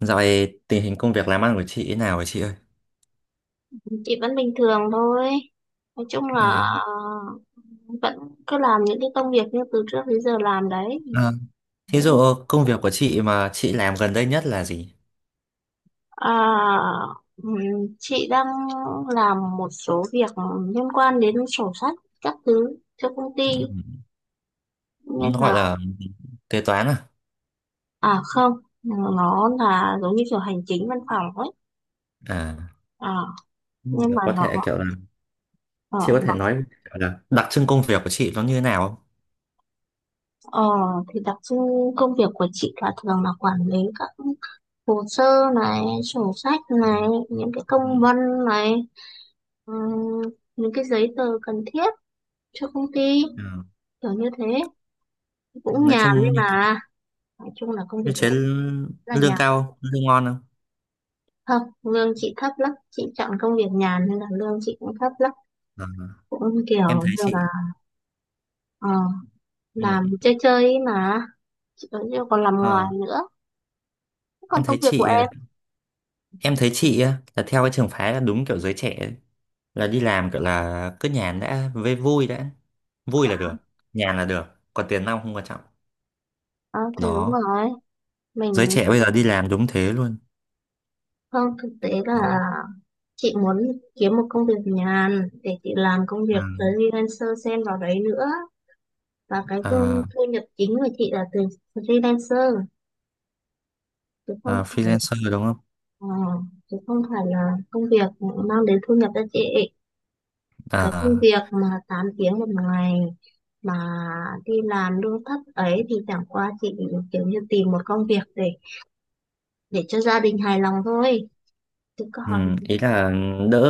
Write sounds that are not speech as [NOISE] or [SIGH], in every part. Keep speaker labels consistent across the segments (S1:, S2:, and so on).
S1: Dạo này tình hình công việc làm ăn của chị thế nào vậy chị ơi?
S2: Chị vẫn bình thường thôi, nói chung là
S1: Ờ,
S2: vẫn cứ làm những cái công việc như từ trước đến giờ làm đấy.
S1: ờ, thí dụ công việc của chị mà chị làm gần đây nhất là gì?
S2: À, ừm, chị đang làm một số việc liên quan đến sổ sách các thứ cho công ty
S1: Ừ.
S2: nên
S1: Nó
S2: là.
S1: gọi là kế toán à?
S2: À không, nó là giống như kiểu hành chính văn phòng ấy.
S1: À,
S2: À,
S1: nhưng
S2: nhưng
S1: mà
S2: mà
S1: có thể kiểu là chị có thể
S2: nó-
S1: nói kiểu là đặc trưng công việc của chị nó như thế nào không?
S2: ờ, thì đặc trưng công việc của chị là thường là quản lý các hồ sơ này, sổ sách
S1: Ừ,
S2: này, những cái công
S1: ừ.
S2: văn này, ừ, những cái giấy tờ cần thiết cho công ty,
S1: Ờ.
S2: kiểu như thế, cũng
S1: Nói
S2: nhàn
S1: chung
S2: đấy
S1: như,
S2: mà. Nói chung là công việc
S1: như
S2: của
S1: chế
S2: chị là
S1: lương
S2: nhàn.
S1: cao không? Lương ngon không?
S2: Không, lương chị thấp lắm, chị chọn công việc nhàn nên là lương chị cũng thấp lắm,
S1: Ờ,
S2: cũng
S1: em
S2: kiểu
S1: thấy
S2: như
S1: chị
S2: là ờ, làm
S1: ừ,
S2: chơi chơi ấy mà. Chị vẫn chưa còn làm ngoài
S1: ờ,
S2: nữa. Còn
S1: em
S2: công
S1: thấy
S2: việc của
S1: chị ờ,
S2: em?
S1: em thấy chị á, là theo cái trường phái là đúng kiểu giới trẻ ấy. Là đi làm gọi là cứ nhàn đã với vui đã, vui là được, nhàn là được, còn tiền nong không quan trọng.
S2: Ờ, thì đúng
S1: Đó,
S2: rồi.
S1: giới
S2: Mình.
S1: trẻ bây giờ đi làm đúng thế luôn.
S2: Không, thực tế
S1: Đó.
S2: là chị muốn kiếm một công việc nhàn để chị làm công
S1: À,
S2: việc freelancer xen vào đấy nữa. Và cái thu
S1: à,
S2: thu nhập chính của chị là từ freelancer, chứ
S1: à,
S2: không phải
S1: freelancer đúng không?
S2: ờ, chứ không phải là công việc mang đến thu nhập cho chị. Cái công
S1: À,
S2: việc mà 8 tiếng một ngày mà đi làm lương thấp ấy thì chẳng qua chị kiểu như tìm một công việc để cho gia đình hài lòng thôi. Chứ
S1: ừ,
S2: còn
S1: ý là đỡ,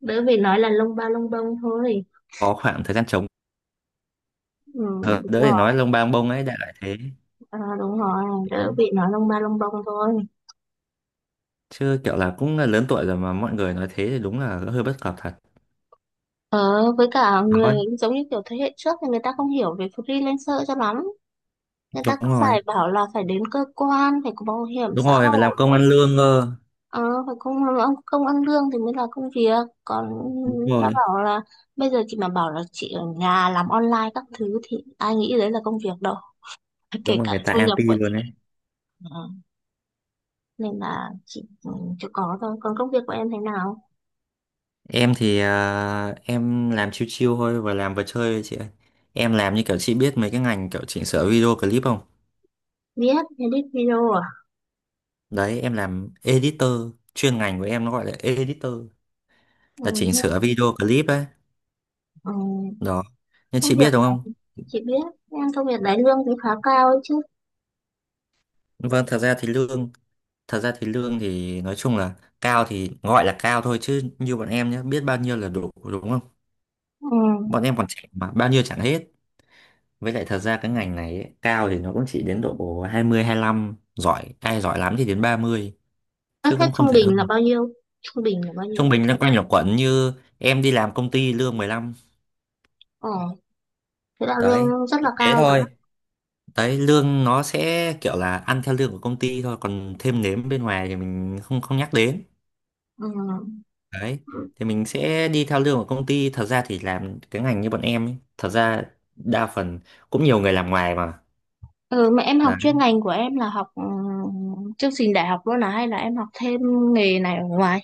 S2: đỡ phải nói là lông ba lông bông thôi.
S1: có khoảng thời gian trống.
S2: Ừ,
S1: Ờ, đỡ
S2: đúng.
S1: để nói lông bang bông ấy, đại loại thế.
S2: Ờ, đúng rồi,
S1: Đấy.
S2: đỡ bị nói lông ba lông bông thôi.
S1: Chứ kiểu là cũng là lớn tuổi rồi mà mọi người nói thế thì đúng là hơi bất cập thật.
S2: Ờ, với cả
S1: Đó.
S2: người giống như kiểu thế hệ trước thì người ta không hiểu về freelancer cho lắm. Người ta
S1: Đúng
S2: cứ
S1: rồi.
S2: phải bảo là phải đến cơ quan, phải có bảo hiểm
S1: Đúng
S2: xã
S1: rồi, phải làm công
S2: hội,
S1: ăn lương cơ.
S2: ờ, phải không, không ăn lương thì mới là công việc. Còn
S1: Đúng
S2: đã
S1: rồi.
S2: bảo là bây giờ chị mà bảo là chị ở nhà làm online các thứ thì ai nghĩ đấy là công việc đâu. [LAUGHS] Kể
S1: Đúng rồi,
S2: cả
S1: người ta
S2: thu nhập
S1: anti
S2: của chị
S1: luôn đấy.
S2: nữa. Nên là chị chưa có thôi. Còn công việc của em thế nào?
S1: Em thì em làm chill chill thôi và làm vừa chơi thôi chị ơi. Em làm như kiểu chị biết mấy cái ngành kiểu chỉnh sửa video clip không?
S2: Viết, edit video à?
S1: Đấy em làm editor, chuyên ngành của em nó gọi là editor,
S2: Ừ.
S1: là chỉnh sửa video clip ấy.
S2: Ừ,
S1: Đó. Nhưng chị biết đúng không?
S2: chị biết, em công việc đấy lương thì khá cao ấy chứ.
S1: Vâng, thật ra thì lương thì nói chung là cao thì gọi là cao thôi, chứ như bọn em nhé, biết bao nhiêu là đủ đúng không?
S2: Ừ.
S1: Bọn em còn trẻ mà bao nhiêu chẳng hết. Với lại thật ra cái ngành này ấy, cao thì nó cũng chỉ đến độ 20 lăm, giỏi ai giỏi lắm thì đến 30,
S2: Các
S1: chứ
S2: khách
S1: không
S2: trung
S1: không thể hơn.
S2: bình là bao nhiêu? Trung bình là bao nhiêu?
S1: Trung bình loanh quanh là quẩn, như em đi làm công ty lương 15
S2: ờ Thế là
S1: đấy,
S2: lương rất
S1: chỉ
S2: là
S1: thế
S2: cao mà.
S1: thôi. Đấy, lương nó sẽ kiểu là ăn theo lương của công ty thôi, còn thêm nếm bên ngoài thì mình không không nhắc đến.
S2: Ừ.
S1: Đấy, thì mình sẽ đi theo lương của công ty. Thật ra thì làm cái ngành như bọn em ấy, thật ra đa phần cũng nhiều người làm ngoài mà.
S2: Ừ, mà em học
S1: Đấy,
S2: chuyên ngành của em là học chương trình đại học luôn à, hay là em học thêm nghề này ở ngoài?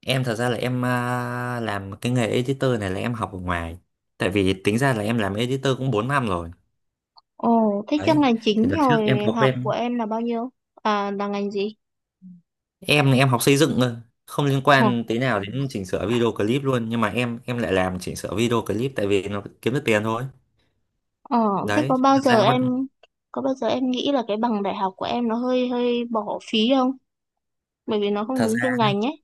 S1: em thật ra là em làm cái nghề editor này là em học ở ngoài, tại vì tính ra là em làm editor cũng 4 năm rồi.
S2: Ồ, thế chuyên
S1: Đấy,
S2: ngành
S1: thì
S2: chính
S1: đợt trước
S2: rồi,
S1: em có
S2: học của
S1: quen,
S2: em là bao nhiêu? À, là ngành gì?
S1: em học xây dựng thôi, không liên
S2: ờ
S1: quan tí nào đến chỉnh sửa video clip luôn, nhưng mà em lại làm chỉnh sửa video clip tại vì nó kiếm được tiền thôi.
S2: ờ, Thế
S1: Đấy, thật ra
S2: có bao giờ em nghĩ là cái bằng đại học của em nó hơi hơi bỏ phí không, bởi vì nó không
S1: thật
S2: đúng
S1: ra
S2: chuyên ngành ấy?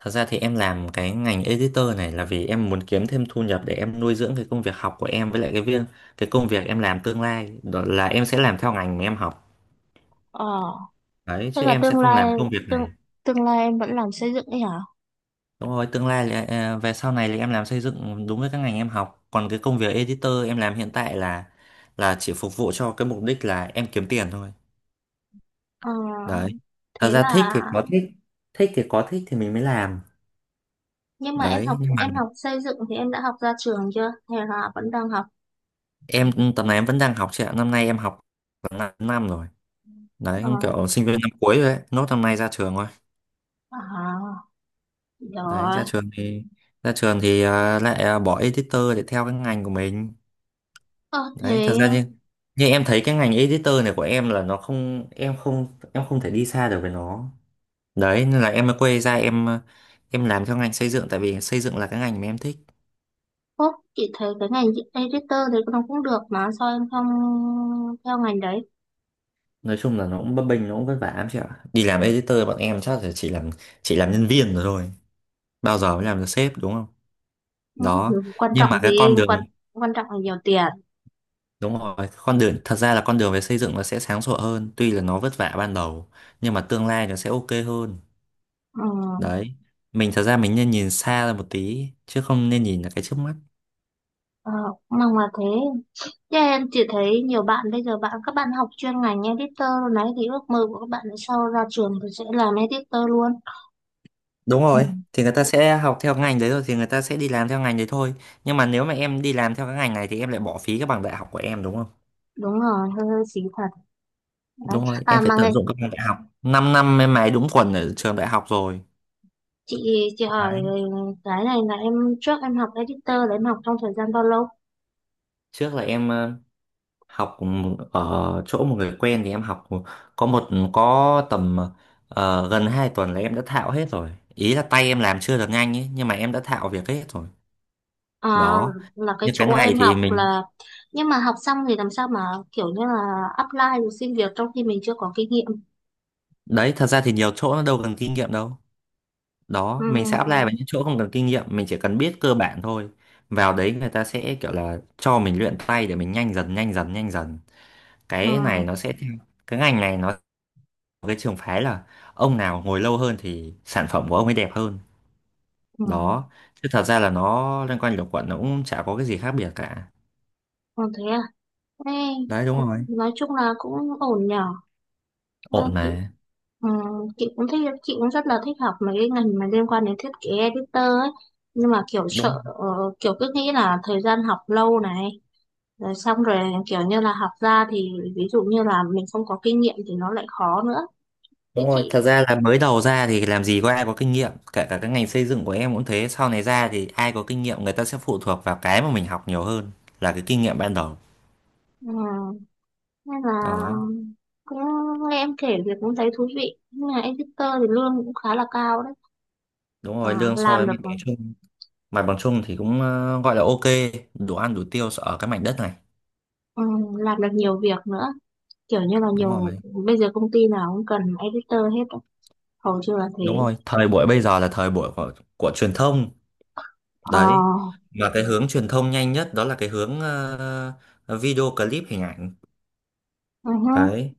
S1: thật ra thì em làm cái ngành editor này là vì em muốn kiếm thêm thu nhập để em nuôi dưỡng cái công việc học của em, với lại cái công việc em làm tương lai đó là em sẽ làm theo ngành mà em học.
S2: ờ
S1: Đấy,
S2: Thế
S1: chứ
S2: là
S1: em sẽ
S2: tương
S1: không
S2: lai,
S1: làm công việc
S2: tương
S1: này.
S2: tương lai em vẫn làm xây dựng ấy hả?
S1: Đúng rồi, tương lai là về sau này thì em làm xây dựng đúng với các ngành em học. Còn cái công việc editor em làm hiện tại là chỉ phục vụ cho cái mục đích là em kiếm tiền thôi.
S2: Ờ,
S1: Đấy. Thật
S2: thế là,
S1: ra thích thì có thích thì mình mới làm.
S2: nhưng mà em
S1: Đấy,
S2: học
S1: nhưng mà
S2: em học xây dựng thì em đã học ra trường chưa? Hay là vẫn đang học?
S1: em tầm này em vẫn đang học chị ạ. Năm nay em học khoảng 5 năm rồi. Đấy,
S2: Ờ.
S1: cũng kiểu sinh viên năm cuối rồi đấy, nốt năm nay ra trường rồi.
S2: À,
S1: Đấy, ra
S2: rồi.
S1: trường thì bỏ editor để theo cái ngành của mình.
S2: Ờ,
S1: Đấy, thật
S2: thế
S1: ra như như em thấy cái ngành editor này của em là nó không em không em không thể đi xa được với nó. Đấy, nên là em mới quay ra, em làm theo ngành xây dựng, tại vì xây dựng là cái ngành mà em thích.
S2: Phúc, chị thấy cái ngành editor thì nó cũng được mà sao em không theo ngành đấy?
S1: Nói chung là nó cũng bấp bênh, nó cũng vất vả lắm chị ạ. Đi làm editor bọn em chắc là chỉ làm nhân viên rồi thôi, bao giờ mới làm được sếp đúng không?
S2: Ừ,
S1: Đó,
S2: quan
S1: nhưng mà
S2: trọng gì?
S1: cái con đường,
S2: Quan quan trọng là nhiều tiền.
S1: đúng rồi, con đường thật ra là con đường về xây dựng nó sẽ sáng sủa hơn, tuy là nó vất vả ban đầu nhưng mà tương lai nó sẽ ok hơn.
S2: Ừ,
S1: Đấy, mình thật ra mình nên nhìn xa ra một tí chứ không nên nhìn là cái trước mắt.
S2: ờ, mong là thế. Thế em chỉ thấy nhiều bạn bây giờ, các bạn học chuyên ngành editor luôn đấy thì ước mơ của các bạn sau ra trường thì sẽ làm editor luôn.
S1: Đúng
S2: Ừ.
S1: rồi, thì người ta sẽ học theo ngành đấy, rồi thì người ta sẽ đi làm theo ngành đấy thôi. Nhưng mà nếu mà em đi làm theo cái ngành này thì em lại bỏ phí cái bằng đại học của em đúng không?
S2: Đúng rồi, hơi hơi xí thật. Đấy.
S1: Đúng rồi,
S2: À
S1: em phải
S2: mà ngày
S1: tận dụng các bằng đại học 5 năm, năm em mày đúng quần ở trường đại học rồi.
S2: chị hỏi
S1: Đấy,
S2: cái này là em, trước em học editor là em học trong thời gian bao lâu?
S1: trước là em học ở chỗ một người quen thì em học có tầm gần 2 tuần là em đã thạo hết rồi, ý là tay em làm chưa được nhanh ấy nhưng mà em đã thạo việc hết rồi.
S2: À,
S1: Đó.
S2: là cái
S1: Như cái
S2: chỗ
S1: này
S2: em học
S1: thì mình
S2: là, nhưng mà học xong thì làm sao mà kiểu như là apply rồi xin việc trong khi mình chưa có kinh nghiệm?
S1: Đấy, thật ra thì nhiều chỗ nó đâu cần kinh nghiệm đâu.
S2: Ừ,
S1: Đó, mình sẽ apply vào những chỗ không cần kinh nghiệm, mình chỉ cần biết cơ bản thôi. Vào đấy người ta sẽ kiểu là cho mình luyện tay để mình nhanh dần nhanh dần nhanh dần.
S2: ừ,
S1: Cái này nó sẽ theo, cái ngành này nó cái trường phái là ông nào ngồi lâu hơn thì sản phẩm của ông ấy đẹp hơn.
S2: ừ.
S1: Đó, chứ thật ra là nó loanh quanh luẩn quẩn, nó cũng chả có cái gì khác biệt cả.
S2: Còn thế à? Ê,
S1: Đấy. Đúng rồi.
S2: nói chung là cũng ổn nhở. À.
S1: Ổn mà.
S2: Ừ, chị cũng rất là thích học mấy cái ngành mà liên quan đến thiết kế editor ấy, nhưng mà kiểu sợ kiểu cứ nghĩ là thời gian học lâu này rồi xong rồi kiểu như là học ra thì ví dụ như là mình không có kinh nghiệm thì nó lại khó nữa. Với
S1: Đúng rồi, thật
S2: chị
S1: ra là mới đầu ra thì làm gì có ai có kinh nghiệm, kể cả cái ngành xây dựng của em cũng thế, sau này ra thì ai có kinh nghiệm, người ta sẽ phụ thuộc vào cái mà mình học nhiều hơn là cái kinh nghiệm ban đầu.
S2: ừ, nên là
S1: Đó,
S2: cũng nghe em kể việc cũng thấy thú vị, nhưng mà editor thì lương cũng khá là cao đấy.
S1: đúng
S2: Ờ,
S1: rồi, lương so với mặt bằng chung thì cũng gọi là ok, đủ ăn đủ tiêu ở cái mảnh đất này.
S2: ừ, làm được nhiều việc nữa, kiểu như là
S1: Đúng
S2: nhiều,
S1: rồi.
S2: bây giờ công ty nào cũng cần editor hết á. Hầu như là
S1: Đúng
S2: thế.
S1: rồi, thời buổi bây giờ là thời buổi của truyền thông,
S2: Ờ,
S1: đấy.
S2: uh-huh.
S1: Mà cái hướng truyền thông nhanh nhất đó là cái hướng video clip hình ảnh,
S2: Ừ hứ.
S1: đấy.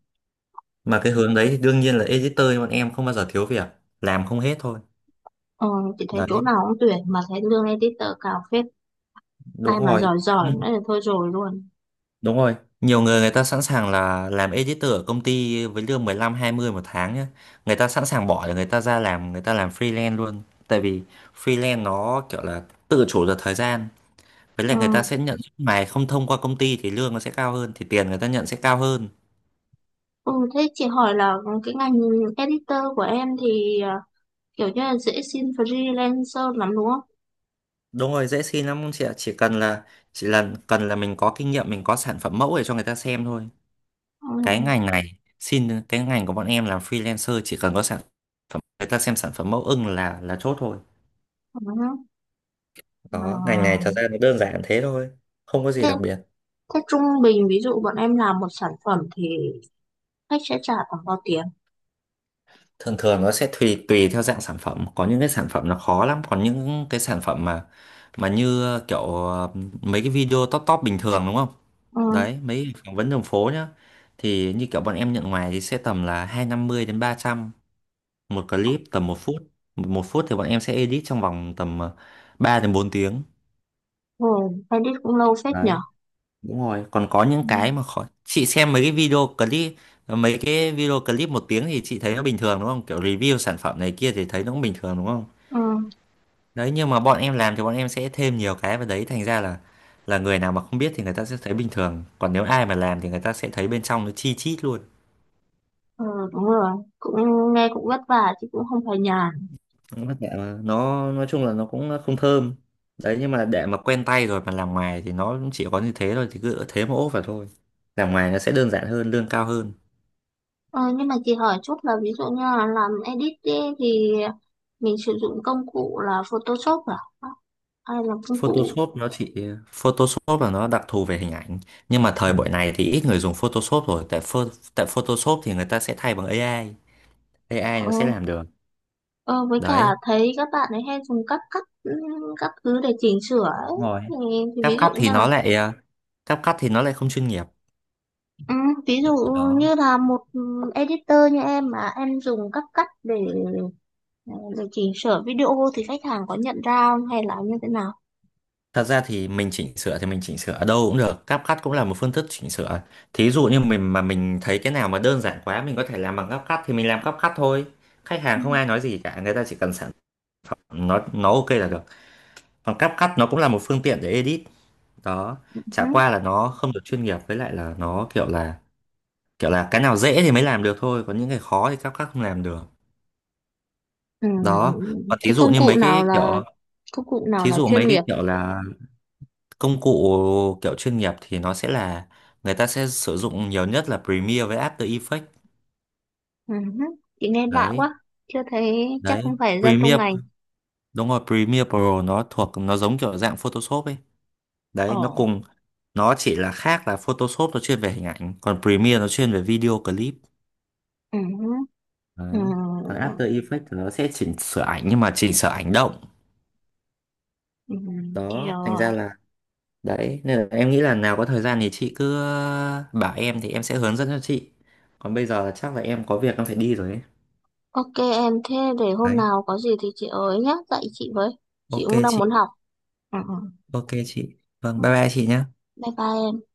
S1: Mà cái hướng đấy thì đương nhiên là editor bọn em không bao giờ thiếu việc, làm không hết thôi.
S2: Ờ, chị thấy chỗ
S1: Đấy,
S2: nào cũng tuyển mà thấy lương editor cao phết. Ai
S1: đúng
S2: mà
S1: rồi,
S2: giỏi giỏi
S1: nhưng
S2: nữa thì thôi rồi luôn.
S1: đúng rồi, nhiều người, người ta sẵn sàng là làm editor ở công ty với lương 15-20 1 tháng nhá, người ta sẵn sàng bỏ để người ta ra làm, người ta làm freelance luôn, tại vì freelance nó kiểu là tự chủ được thời gian, với
S2: Ừ.
S1: lại người ta sẽ nhận suốt ngày không thông qua công ty thì lương nó sẽ cao hơn, thì tiền người ta nhận sẽ cao hơn.
S2: Ừ, thế chị hỏi là cái ngành editor của em thì kiểu như là dễ xin freelancer lắm đúng không?
S1: Đúng rồi, dễ xin lắm chị ạ, chỉ cần là chỉ là cần là mình có kinh nghiệm, mình có sản phẩm mẫu để cho người ta xem thôi. Cái
S2: Ừ.
S1: ngành này, xin cái ngành của bọn em làm freelancer chỉ cần có sản phẩm, người ta xem sản phẩm mẫu ưng là chốt thôi.
S2: Ừ. Hứ. Ừ.
S1: Đó, ngành này thật ra nó đơn giản thế thôi, không có gì
S2: Thế,
S1: đặc biệt.
S2: thế trung bình ví dụ bọn em làm một sản phẩm thì khách sẽ trả khoảng bao tiền?
S1: Thường thường nó sẽ tùy tùy theo dạng sản phẩm, có những cái sản phẩm nó khó lắm, còn những cái sản phẩm mà như kiểu mấy cái video top top bình thường đúng không?
S2: Ừ.
S1: Đấy, mấy phỏng vấn đường phố nhá, thì như kiểu bọn em nhận ngoài thì sẽ tầm là 250 đến 300. Một clip tầm 1 phút, 1 phút thì bọn em sẽ edit trong vòng tầm 3 đến 4 tiếng.
S2: Ừ. Edit cũng lâu phết nhở?
S1: Đấy, đúng rồi, còn có những
S2: Ừ.
S1: cái mà khó, chị xem mấy cái video clip, mấy cái video clip 1 tiếng thì chị thấy nó bình thường đúng không, kiểu review sản phẩm này kia thì thấy nó cũng bình thường đúng không?
S2: Ừ.
S1: Đấy, nhưng mà bọn em làm thì bọn em sẽ thêm nhiều cái vào đấy, thành ra là người nào mà không biết thì người ta sẽ thấy bình thường, còn nếu ai mà làm thì người ta sẽ thấy bên trong nó chi chít luôn.
S2: Ừ, đúng rồi. Cũng nghe cũng vất vả chứ cũng không phải nhàn.
S1: Cũng vất vả mà, nó nói chung là nó cũng không thơm. Đấy, nhưng mà để mà quen tay rồi mà làm ngoài thì nó cũng chỉ có như thế thôi, thì cứ thế mà ốp vào thôi. Làm ngoài nó sẽ đơn giản hơn, lương cao hơn.
S2: Ờ, nhưng mà chị hỏi chút là ví dụ như là làm edit ý, thì mình sử dụng công cụ là Photoshop à? Hay là công cụ
S1: Photoshop nó chỉ Photoshop là nó đặc thù về hình ảnh, nhưng mà thời buổi này thì ít người dùng Photoshop rồi, tại tại Photoshop thì người ta sẽ thay bằng AI,
S2: ờ,
S1: AI nó sẽ làm được.
S2: ờ, với cả
S1: Đấy.
S2: thấy các bạn ấy hay dùng các cắt các thứ để chỉnh sửa ấy.
S1: Đúng rồi.
S2: Thì, thì,
S1: CapCut thì nó lại ờ, CapCut thì nó lại không chuyên nghiệp.
S2: ừ, ví dụ
S1: Đó.
S2: như là một editor như em mà em dùng các cắt để chỉnh sửa video thì khách hàng có nhận ra không, hay là như thế nào?
S1: Thật ra thì mình chỉnh sửa thì mình chỉnh sửa ở đâu cũng được, CapCut cũng là một phương thức chỉnh sửa. Thí dụ như mình mà mình thấy cái nào mà đơn giản quá mình có thể làm bằng CapCut thì mình làm CapCut thôi. Khách hàng
S2: Ừ.
S1: không ai nói gì cả, người ta chỉ cần sản phẩm, nó ok là được. Còn CapCut nó cũng là một phương tiện để edit. Đó, chả qua là nó không được chuyên nghiệp, với lại là nó kiểu là cái nào dễ thì mới làm được thôi, còn những cái khó thì CapCut không làm được.
S2: Ừ.
S1: Đó, còn thí
S2: Thế
S1: dụ như mấy cái kiểu,
S2: công cụ nào
S1: thí
S2: là
S1: dụ
S2: chuyên
S1: mấy cái
S2: nghiệp?
S1: kiểu là công cụ kiểu chuyên nghiệp thì nó sẽ là người ta sẽ sử dụng nhiều nhất là Premiere với After Effects.
S2: Ừ. Hứ. Chị nghe lạ
S1: Đấy.
S2: quá, chưa thấy chắc
S1: Đấy,
S2: không phải dân trong
S1: Premiere,
S2: ngành.
S1: đúng rồi, Premiere Pro nó nó giống kiểu dạng Photoshop ấy. Đấy,
S2: Ờ.
S1: nó chỉ là khác là Photoshop nó chuyên về hình ảnh còn Premiere nó chuyên về video clip.
S2: Ừ. Hứ. Ừ.
S1: Đấy. Còn After Effects thì nó sẽ chỉnh sửa ảnh nhưng mà chỉnh sửa ảnh động.
S2: Ừ. Chị
S1: Đó,
S2: hiểu
S1: thành
S2: rồi.
S1: ra là, đấy, nên là em nghĩ là nào có thời gian thì chị cứ bảo em thì em sẽ hướng dẫn cho chị, còn bây giờ là chắc là em có việc em phải đi rồi ấy.
S2: OK em, thế để hôm
S1: Đấy.
S2: nào có gì thì chị ơi nhá, dạy chị với. Chị
S1: Ok
S2: cũng đang
S1: chị.
S2: muốn học. Ừ.
S1: Ok chị, vâng,
S2: Ừ.
S1: bye bye chị nhé.
S2: Bye bye em.